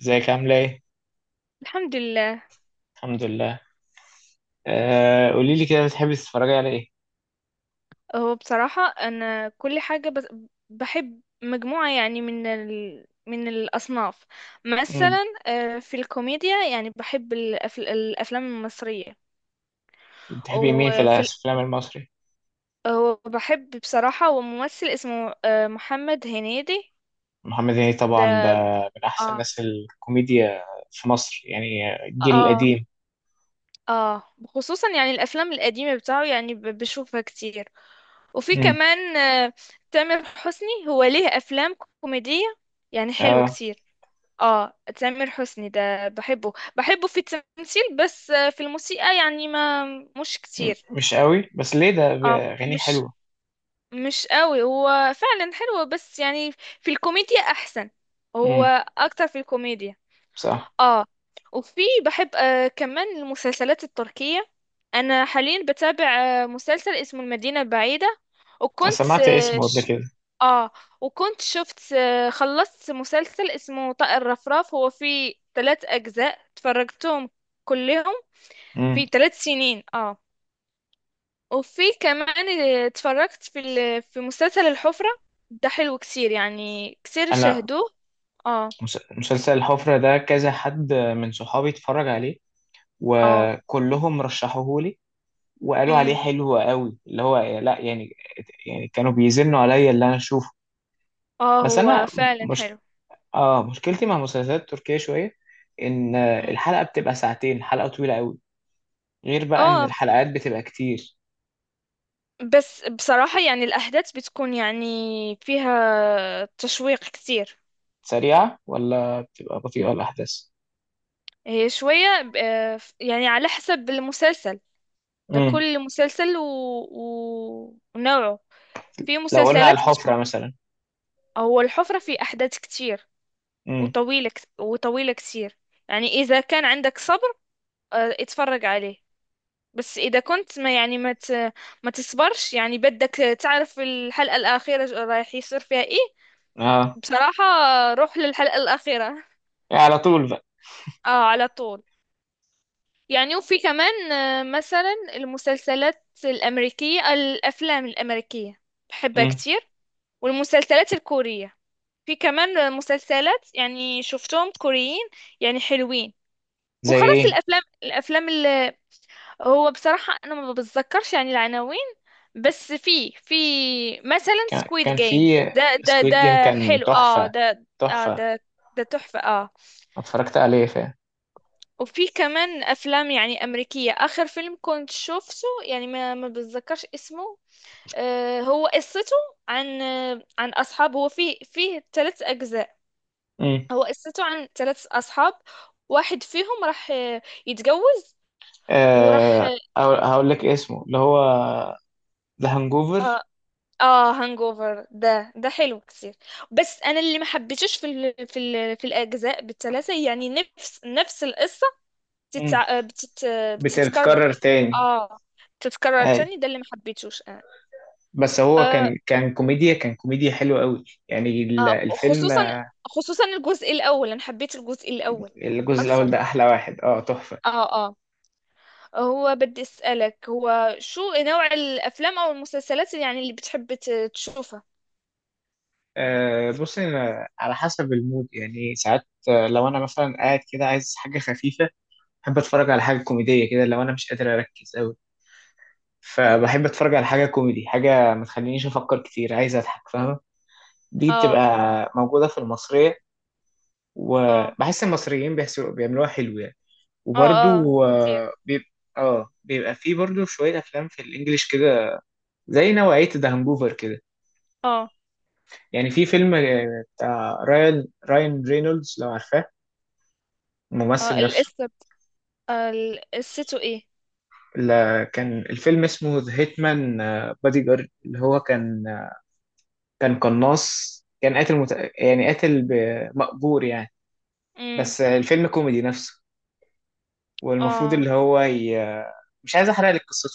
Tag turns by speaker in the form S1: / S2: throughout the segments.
S1: ازيك عاملة ايه؟
S2: الحمد لله.
S1: الحمد لله. قولي لي كده، بتحبي تتفرجي على ايه؟
S2: هو بصراحة أنا كل حاجة، بس بحب مجموعة يعني من الأصناف.
S1: امم.
S2: مثلا في الكوميديا يعني بحب الأفلام المصرية.
S1: بتحبي مين في
S2: وفي ال...
S1: الافلام المصري؟
S2: وبحب بصراحة، وممثل اسمه محمد هنيدي.
S1: محمد هنيدي
S2: ده.
S1: طبعا، ده من احسن
S2: اه.
S1: ناس الكوميديا في مصر يعني، الجيل
S2: اه.
S1: القديم.
S2: اه، خصوصا يعني الأفلام القديمة بتاعه، يعني بشوفها كتير. وفي
S1: امم.
S2: كمان تامر حسني هو ليه أفلام كوميدية يعني حلوة
S1: اه.
S2: كتير. اه، تامر حسني ده بحبه بحبه في التمثيل، بس في الموسيقى يعني ما مش كتير.
S1: مش قوي، بس ليه ده؟
S2: اه،
S1: اغانيه
S2: مش
S1: حلوة.
S2: مش قوي هو، فعلا حلو بس، يعني في الكوميديا احسن. هو
S1: امم.
S2: اكتر في الكوميديا.
S1: صح.
S2: اه. وفي بحب كمان المسلسلات التركية. انا حاليا بتابع مسلسل اسمه المدينة البعيدة.
S1: انا
S2: وكنت
S1: سمعت
S2: آه
S1: اسمه قبل
S2: ش...
S1: كده.
S2: اه، وكنت شفت خلصت مسلسل اسمه طائر رفراف. هو فيه ثلاث اجزاء، اتفرجتهم كلهم في
S1: امم.
S2: 3 سنين. اه. وفي كمان اتفرجت في مسلسل الحفرة. ده حلو كتير، يعني كتير
S1: انا
S2: شاهدوه. اه.
S1: مسلسل الحفرة ده كذا حد من صحابي اتفرج عليه،
S2: اه.
S1: وكلهم رشحوه لي، وقالوا عليه
S2: امم.
S1: حلو قوي، اللي هو لا يعني، يعني كانوا بيزنوا عليا اللي انا اشوفه.
S2: اه،
S1: بس انا
S2: هو فعلا
S1: مش
S2: حلو.
S1: اه مشكلتي مع المسلسلات التركية شوية، ان الحلقة بتبقى ساعتين، حلقة طويلة قوي، غير بقى ان
S2: اه،
S1: الحلقات بتبقى كتير.
S2: بس بصراحة يعني الأحداث بتكون يعني فيها تشويق كتير.
S1: سريعة ولا بتبقى بطيئة الاحداث؟
S2: هي شوية يعني على حسب المسلسل. ده
S1: امم.
S2: كل مسلسل ونوعه. في
S1: لو قلنا على
S2: مسلسلات بتكون.
S1: الحفرة مثلا.
S2: هو الحفرة في أحداث كتير،
S1: امم.
S2: وطويلة كتير. يعني إذا كان عندك صبر، اتفرج عليه. بس إذا كنت ما يعني ما تصبرش، يعني بدك تعرف الحلقة الأخيرة رايح يصير فيها إيه.
S1: اه،
S2: بصراحة روح للحلقة الأخيرة.
S1: يعني على طول بقى.
S2: اه، على طول. يعني وفي كمان مثلا المسلسلات الأمريكية، الأفلام الأمريكية، بحبها
S1: امم.
S2: كتير. والمسلسلات الكورية، في كمان مسلسلات يعني شفتهم كوريين يعني حلوين.
S1: زي
S2: وخلاص،
S1: ايه؟
S2: الأفلام اللي... هو بصراحة أنا ما بتذكرش يعني العناوين، بس في مثلا
S1: كان
S2: سكويد
S1: كان
S2: جيم.
S1: في
S2: ده ده
S1: سكويد
S2: ده
S1: جيم، كان
S2: حلو، اه،
S1: تحفة.
S2: ده. اه،
S1: تحفة.
S2: ده. ده تحفة. اه.
S1: اتفرجت عليه، فاهم.
S2: وفي كمان افلام يعني امريكيه، اخر فيلم كنت شفته، يعني ما بتذكرش اسمه. هو قصته عن عن اصحاب. هو فيه ثلاث اجزاء.
S1: امم.
S2: هو قصته عن ثلاث اصحاب، واحد فيهم راح يتجوز، وراح.
S1: آه هقول لك اسمه، اللي هو ذا
S2: اه.
S1: هانجوفر.
S2: اه، هانجوفر ده حلو كتير. بس انا اللي ما حبيتوش في الاجزاء بالثلاثه، يعني نفس القصه بتتع... بتت... بتتكرر.
S1: بتكرر تاني.
S2: اه، تتكرر
S1: اي.
S2: تاني. ده اللي ما حبيتوش انا.
S1: بس هو
S2: آه.
S1: كان كان كوميديا حلوة قوي يعني
S2: آه،
S1: الفيلم.
S2: خصوصا الجزء الاول. انا حبيت الجزء الاول
S1: الجزء الأول
S2: اكثر.
S1: ده أحلى واحد، اه، تحفة.
S2: اه. اه، هو بدي اسالك، هو شو نوع الافلام او المسلسلات يعني اللي بتحب تشوفها؟
S1: بص، أنا على حسب المود يعني، ساعات لو أنا مثلا قاعد كده عايز حاجة خفيفة، بحب أتفرج على حاجة كوميدية كده. لو أنا مش قادر أركز قوي، فبحب أتفرج على حاجة كوميدي، حاجة ما تخلينيش أفكر كتير، عايز أضحك فاهمة؟ دي بتبقى
S2: اه.
S1: موجودة في المصرية،
S2: اه.
S1: وبحس المصريين بيعملوها حلو يعني.
S2: اه. اه،
S1: وبرضو
S2: كتير.
S1: بيبقى فيه برضو شوية أفلام في الإنجليش كده، زي نوعية ذا هانجوفر كده.
S2: اه.
S1: يعني في فيلم بتاع رايان رينولدز، لو عارفاه،
S2: اه،
S1: الممثل نفسه.
S2: القصه، قصته ايه؟
S1: كان الفيلم اسمه ذا هيتمان بادي جارد، اللي هو كان كان قناص، كان قاتل يعني قاتل مأجور يعني.
S2: امم.
S1: بس الفيلم كوميدي نفسه، والمفروض
S2: اه.
S1: اللي هو مش عايز احرق لك قصته.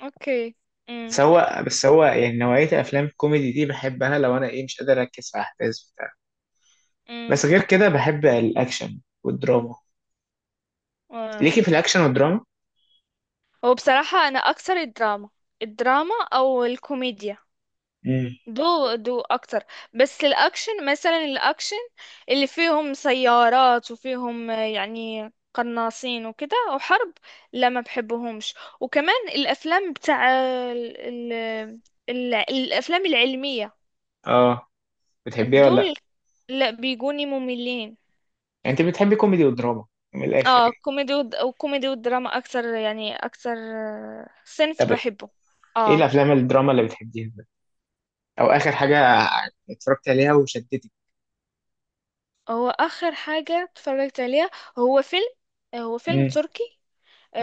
S2: اوكي.
S1: بس
S2: امم.
S1: هو يعني نوعية الأفلام الكوميدي دي بحبها لو أنا إيه، مش قادر أركز في أحداث بتاع. بس غير كده بحب الأكشن والدراما.
S2: امم.
S1: ليكي في الأكشن والدراما؟
S2: هو بصراحة أنا أكثر الدراما، الدراما أو الكوميديا،
S1: امم.
S2: دو أكتر. بس الأكشن، مثلا الأكشن اللي فيهم سيارات وفيهم يعني قناصين وكده وحرب، لا ما بحبهمش. وكمان الأفلام بتاع ال... ال... الأفلام العلمية،
S1: آه بتحبيها ولا
S2: دول
S1: لأ؟
S2: لا بيجوني مملين.
S1: يعني أنت بتحبي كوميدي ودراما، من الآخر
S2: اه،
S1: يعني.
S2: كوميدي وكوميدي والدراما أكثر، يعني أكثر صنف
S1: طب
S2: بحبه.
S1: إيه
S2: اه.
S1: الأفلام الدراما اللي بتحبيها بقى؟ أو آخر حاجة اتفرجت عليها وشدتك؟
S2: هو اخر حاجه اتفرجت عليها، هو فيلم هو فيلم
S1: امم.
S2: تركي.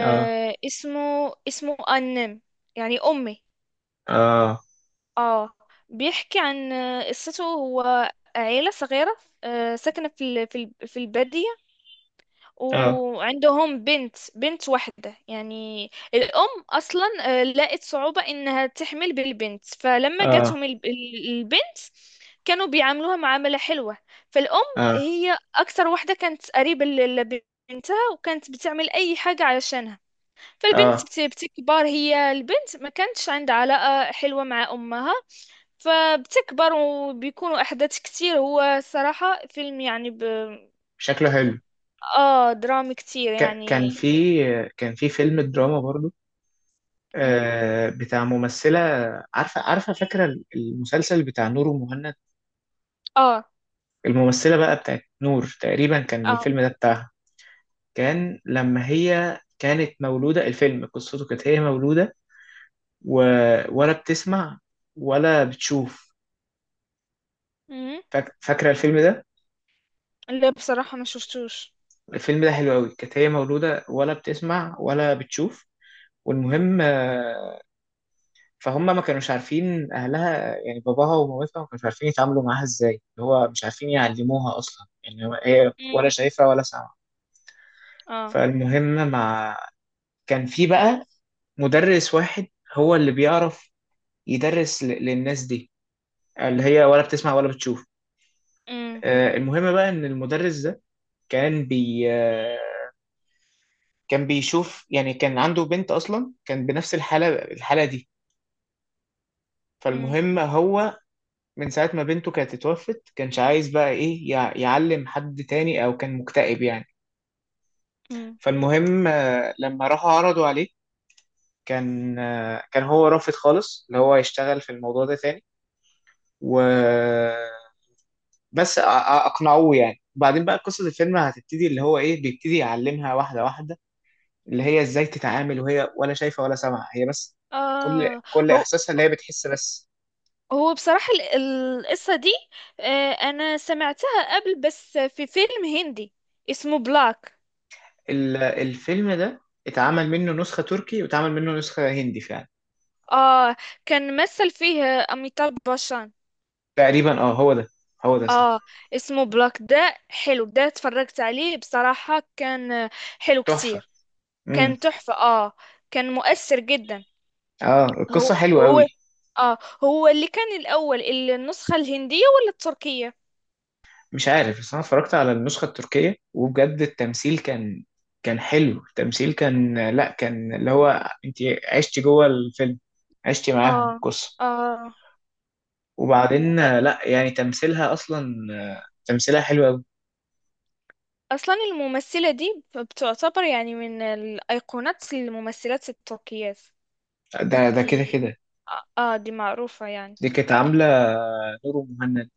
S1: آه،
S2: اسمه اسمه انم، يعني امي.
S1: آه،
S2: اه، بيحكي عن قصته هو عيله صغيره، ساكنه في الباديه،
S1: آه،
S2: وعندهم بنت واحدة يعني. الأم أصلا لقت صعوبة إنها تحمل بالبنت، فلما
S1: آه،
S2: جاتهم البنت، كانوا بيعاملوها معاملة حلوة. فالأم
S1: آه،
S2: هي أكثر واحدة كانت قريبة لبنتها، وكانت بتعمل أي حاجة علشانها. فالبنت
S1: آه.
S2: بتكبر، هي البنت ما كانتش عندها علاقة حلوة مع أمها. فبتكبر وبيكونوا أحداث كتير. هو صراحة فيلم يعني،
S1: شكله حلو.
S2: اه، درامي كتير
S1: ك- كان
S2: يعني.
S1: في كان في فيلم دراما برضو
S2: مم.
S1: بتاع ممثلة. عارفة عارفة فاكرة المسلسل بتاع نور ومهند؟
S2: اه.
S1: الممثلة بقى بتاعت نور، تقريبا كان
S2: اه.
S1: الفيلم ده بتاعها. كان لما هي كانت مولودة، الفيلم قصته كانت هي مولودة و... ولا بتسمع ولا بتشوف.
S2: مم.
S1: فاكرة الفيلم ده؟
S2: لا بصراحة ما شفتوش.
S1: الفيلم ده حلو قوي، كانت هي مولودة ولا بتسمع ولا بتشوف. والمهم فهم ما كانوش عارفين، اهلها يعني باباها ومامتها ما كانوش عارفين يتعاملوا معاها ازاي، اللي هو مش عارفين يعلموها اصلا، يعني هي ولا
S2: مم.
S1: شايفه ولا سامعه.
S2: اه.
S1: فالمهم مع، كان في بقى مدرس واحد، هو اللي بيعرف يدرس للناس دي اللي هي ولا بتسمع ولا بتشوف.
S2: مم.
S1: المهم بقى ان المدرس ده كان بي آه، كان بيشوف يعني، كان عنده بنت اصلا كان بنفس الحاله دي.
S2: مم.
S1: فالمهم هو من ساعة ما بنته كانت اتوفت، كانش عايز بقى ايه يعلم حد تاني، او كان مكتئب يعني.
S2: مم.
S1: فالمهم لما راحوا عرضوا عليه، كان هو رافض خالص اللي هو يشتغل في الموضوع ده تاني، و بس اقنعوه يعني. وبعدين بقى قصة الفيلم هتبتدي، اللي هو ايه، بيبتدي يعلمها واحدة واحدة اللي هي ازاي تتعامل وهي ولا شايفة ولا سامعة، هي بس كل
S2: اه.
S1: كل
S2: هو
S1: احساسها اللي هي بتحس بس.
S2: هو بصراحة القصة دي، انا سمعتها قبل، بس في فيلم هندي اسمه بلاك.
S1: الفيلم ده اتعمل منه نسخة تركي واتعمل منه نسخة هندي فعلا.
S2: اه، كان مثل فيه اميتاب باشان.
S1: تقريبا اه، هو ده، هو ده صح.
S2: اه، اسمه بلاك ده حلو. ده اتفرجت عليه بصراحة، كان حلو
S1: تحفة.
S2: كتير.
S1: امم.
S2: كان تحفة. اه، كان مؤثر جدا.
S1: اه،
S2: هو.
S1: القصة حلوة
S2: هو.
S1: قوي.
S2: اه. هو اللي كان الأول، النسخة الهندية ولا التركية؟
S1: مش عارف، بس انا اتفرجت على النسخة التركية، وبجد التمثيل كان حلو، التمثيل كان لا كان اللي هو، انت عشتي جوه الفيلم، عشتي معاهم
S2: اه.
S1: القصة.
S2: اه،
S1: وبعدين لا يعني تمثيلها اصلا تمثيلها حلو قوي.
S2: أصلا الممثلة دي بتعتبر يعني من الأيقونات، الممثلات التركيات
S1: ده
S2: دي.
S1: كده كده،
S2: اه، دي معروفة يعني.
S1: دي كانت عاملة نور مهند،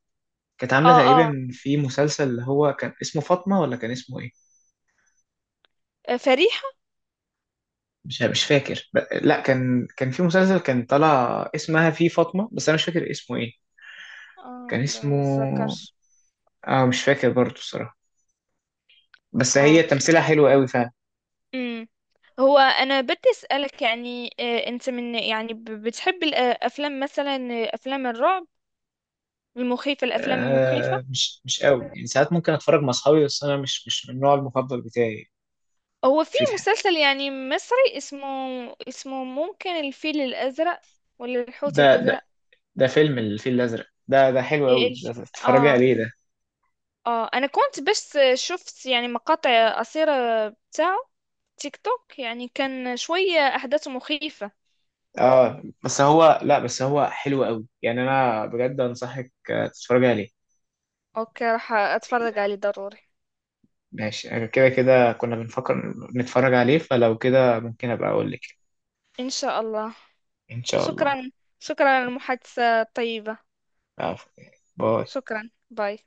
S1: كانت عاملة
S2: اه.
S1: تقريبا في مسلسل اللي هو كان اسمه فاطمة، ولا كان اسمه ايه؟
S2: اه، فريحة.
S1: مش فاكر لا، كان في مسلسل كان طالع اسمها فيه فاطمة، بس انا مش فاكر اسمه ايه. كان
S2: اه، لا ما
S1: اسمه،
S2: بتذكرش.
S1: اه مش فاكر برضه الصراحة، بس
S2: اه.
S1: هي تمثيلها حلو قوي فعلا.
S2: امم. هو انا بدي اسالك يعني انت من يعني بتحب الافلام مثلا افلام الرعب المخيفه، الافلام المخيفه؟
S1: مش قوي يعني، ساعات ممكن اتفرج مع اصحابي، بس انا مش من النوع المفضل بتاعي.
S2: هو في مسلسل يعني مصري اسمه ممكن الفيل الأزرق ولا الحوت
S1: ده ده
S2: الأزرق؟
S1: ده فيلم الفيل الازرق، ده حلو
S2: إيه
S1: قوي،
S2: الف...
S1: ده تتفرجي
S2: اه.
S1: عليه ده.
S2: اه، انا كنت بس شفت يعني مقاطع قصيرة بتاعه، تيك توك، يعني كان شوية أحداثه مخيفة.
S1: اه، بس هو لا بس هو حلو قوي يعني، انا بجد انصحك تتفرجي عليه.
S2: اوكي، راح اتفرج عليه ضروري.
S1: ماشي، كده كده كنا بنفكر نتفرج عليه، فلو كده ممكن ابقى اقول لك.
S2: ان شاء الله.
S1: ان شاء الله.
S2: شكرا. شكرا على المحادثة الطيبة.
S1: عفوا. باي.
S2: شكرا. باي.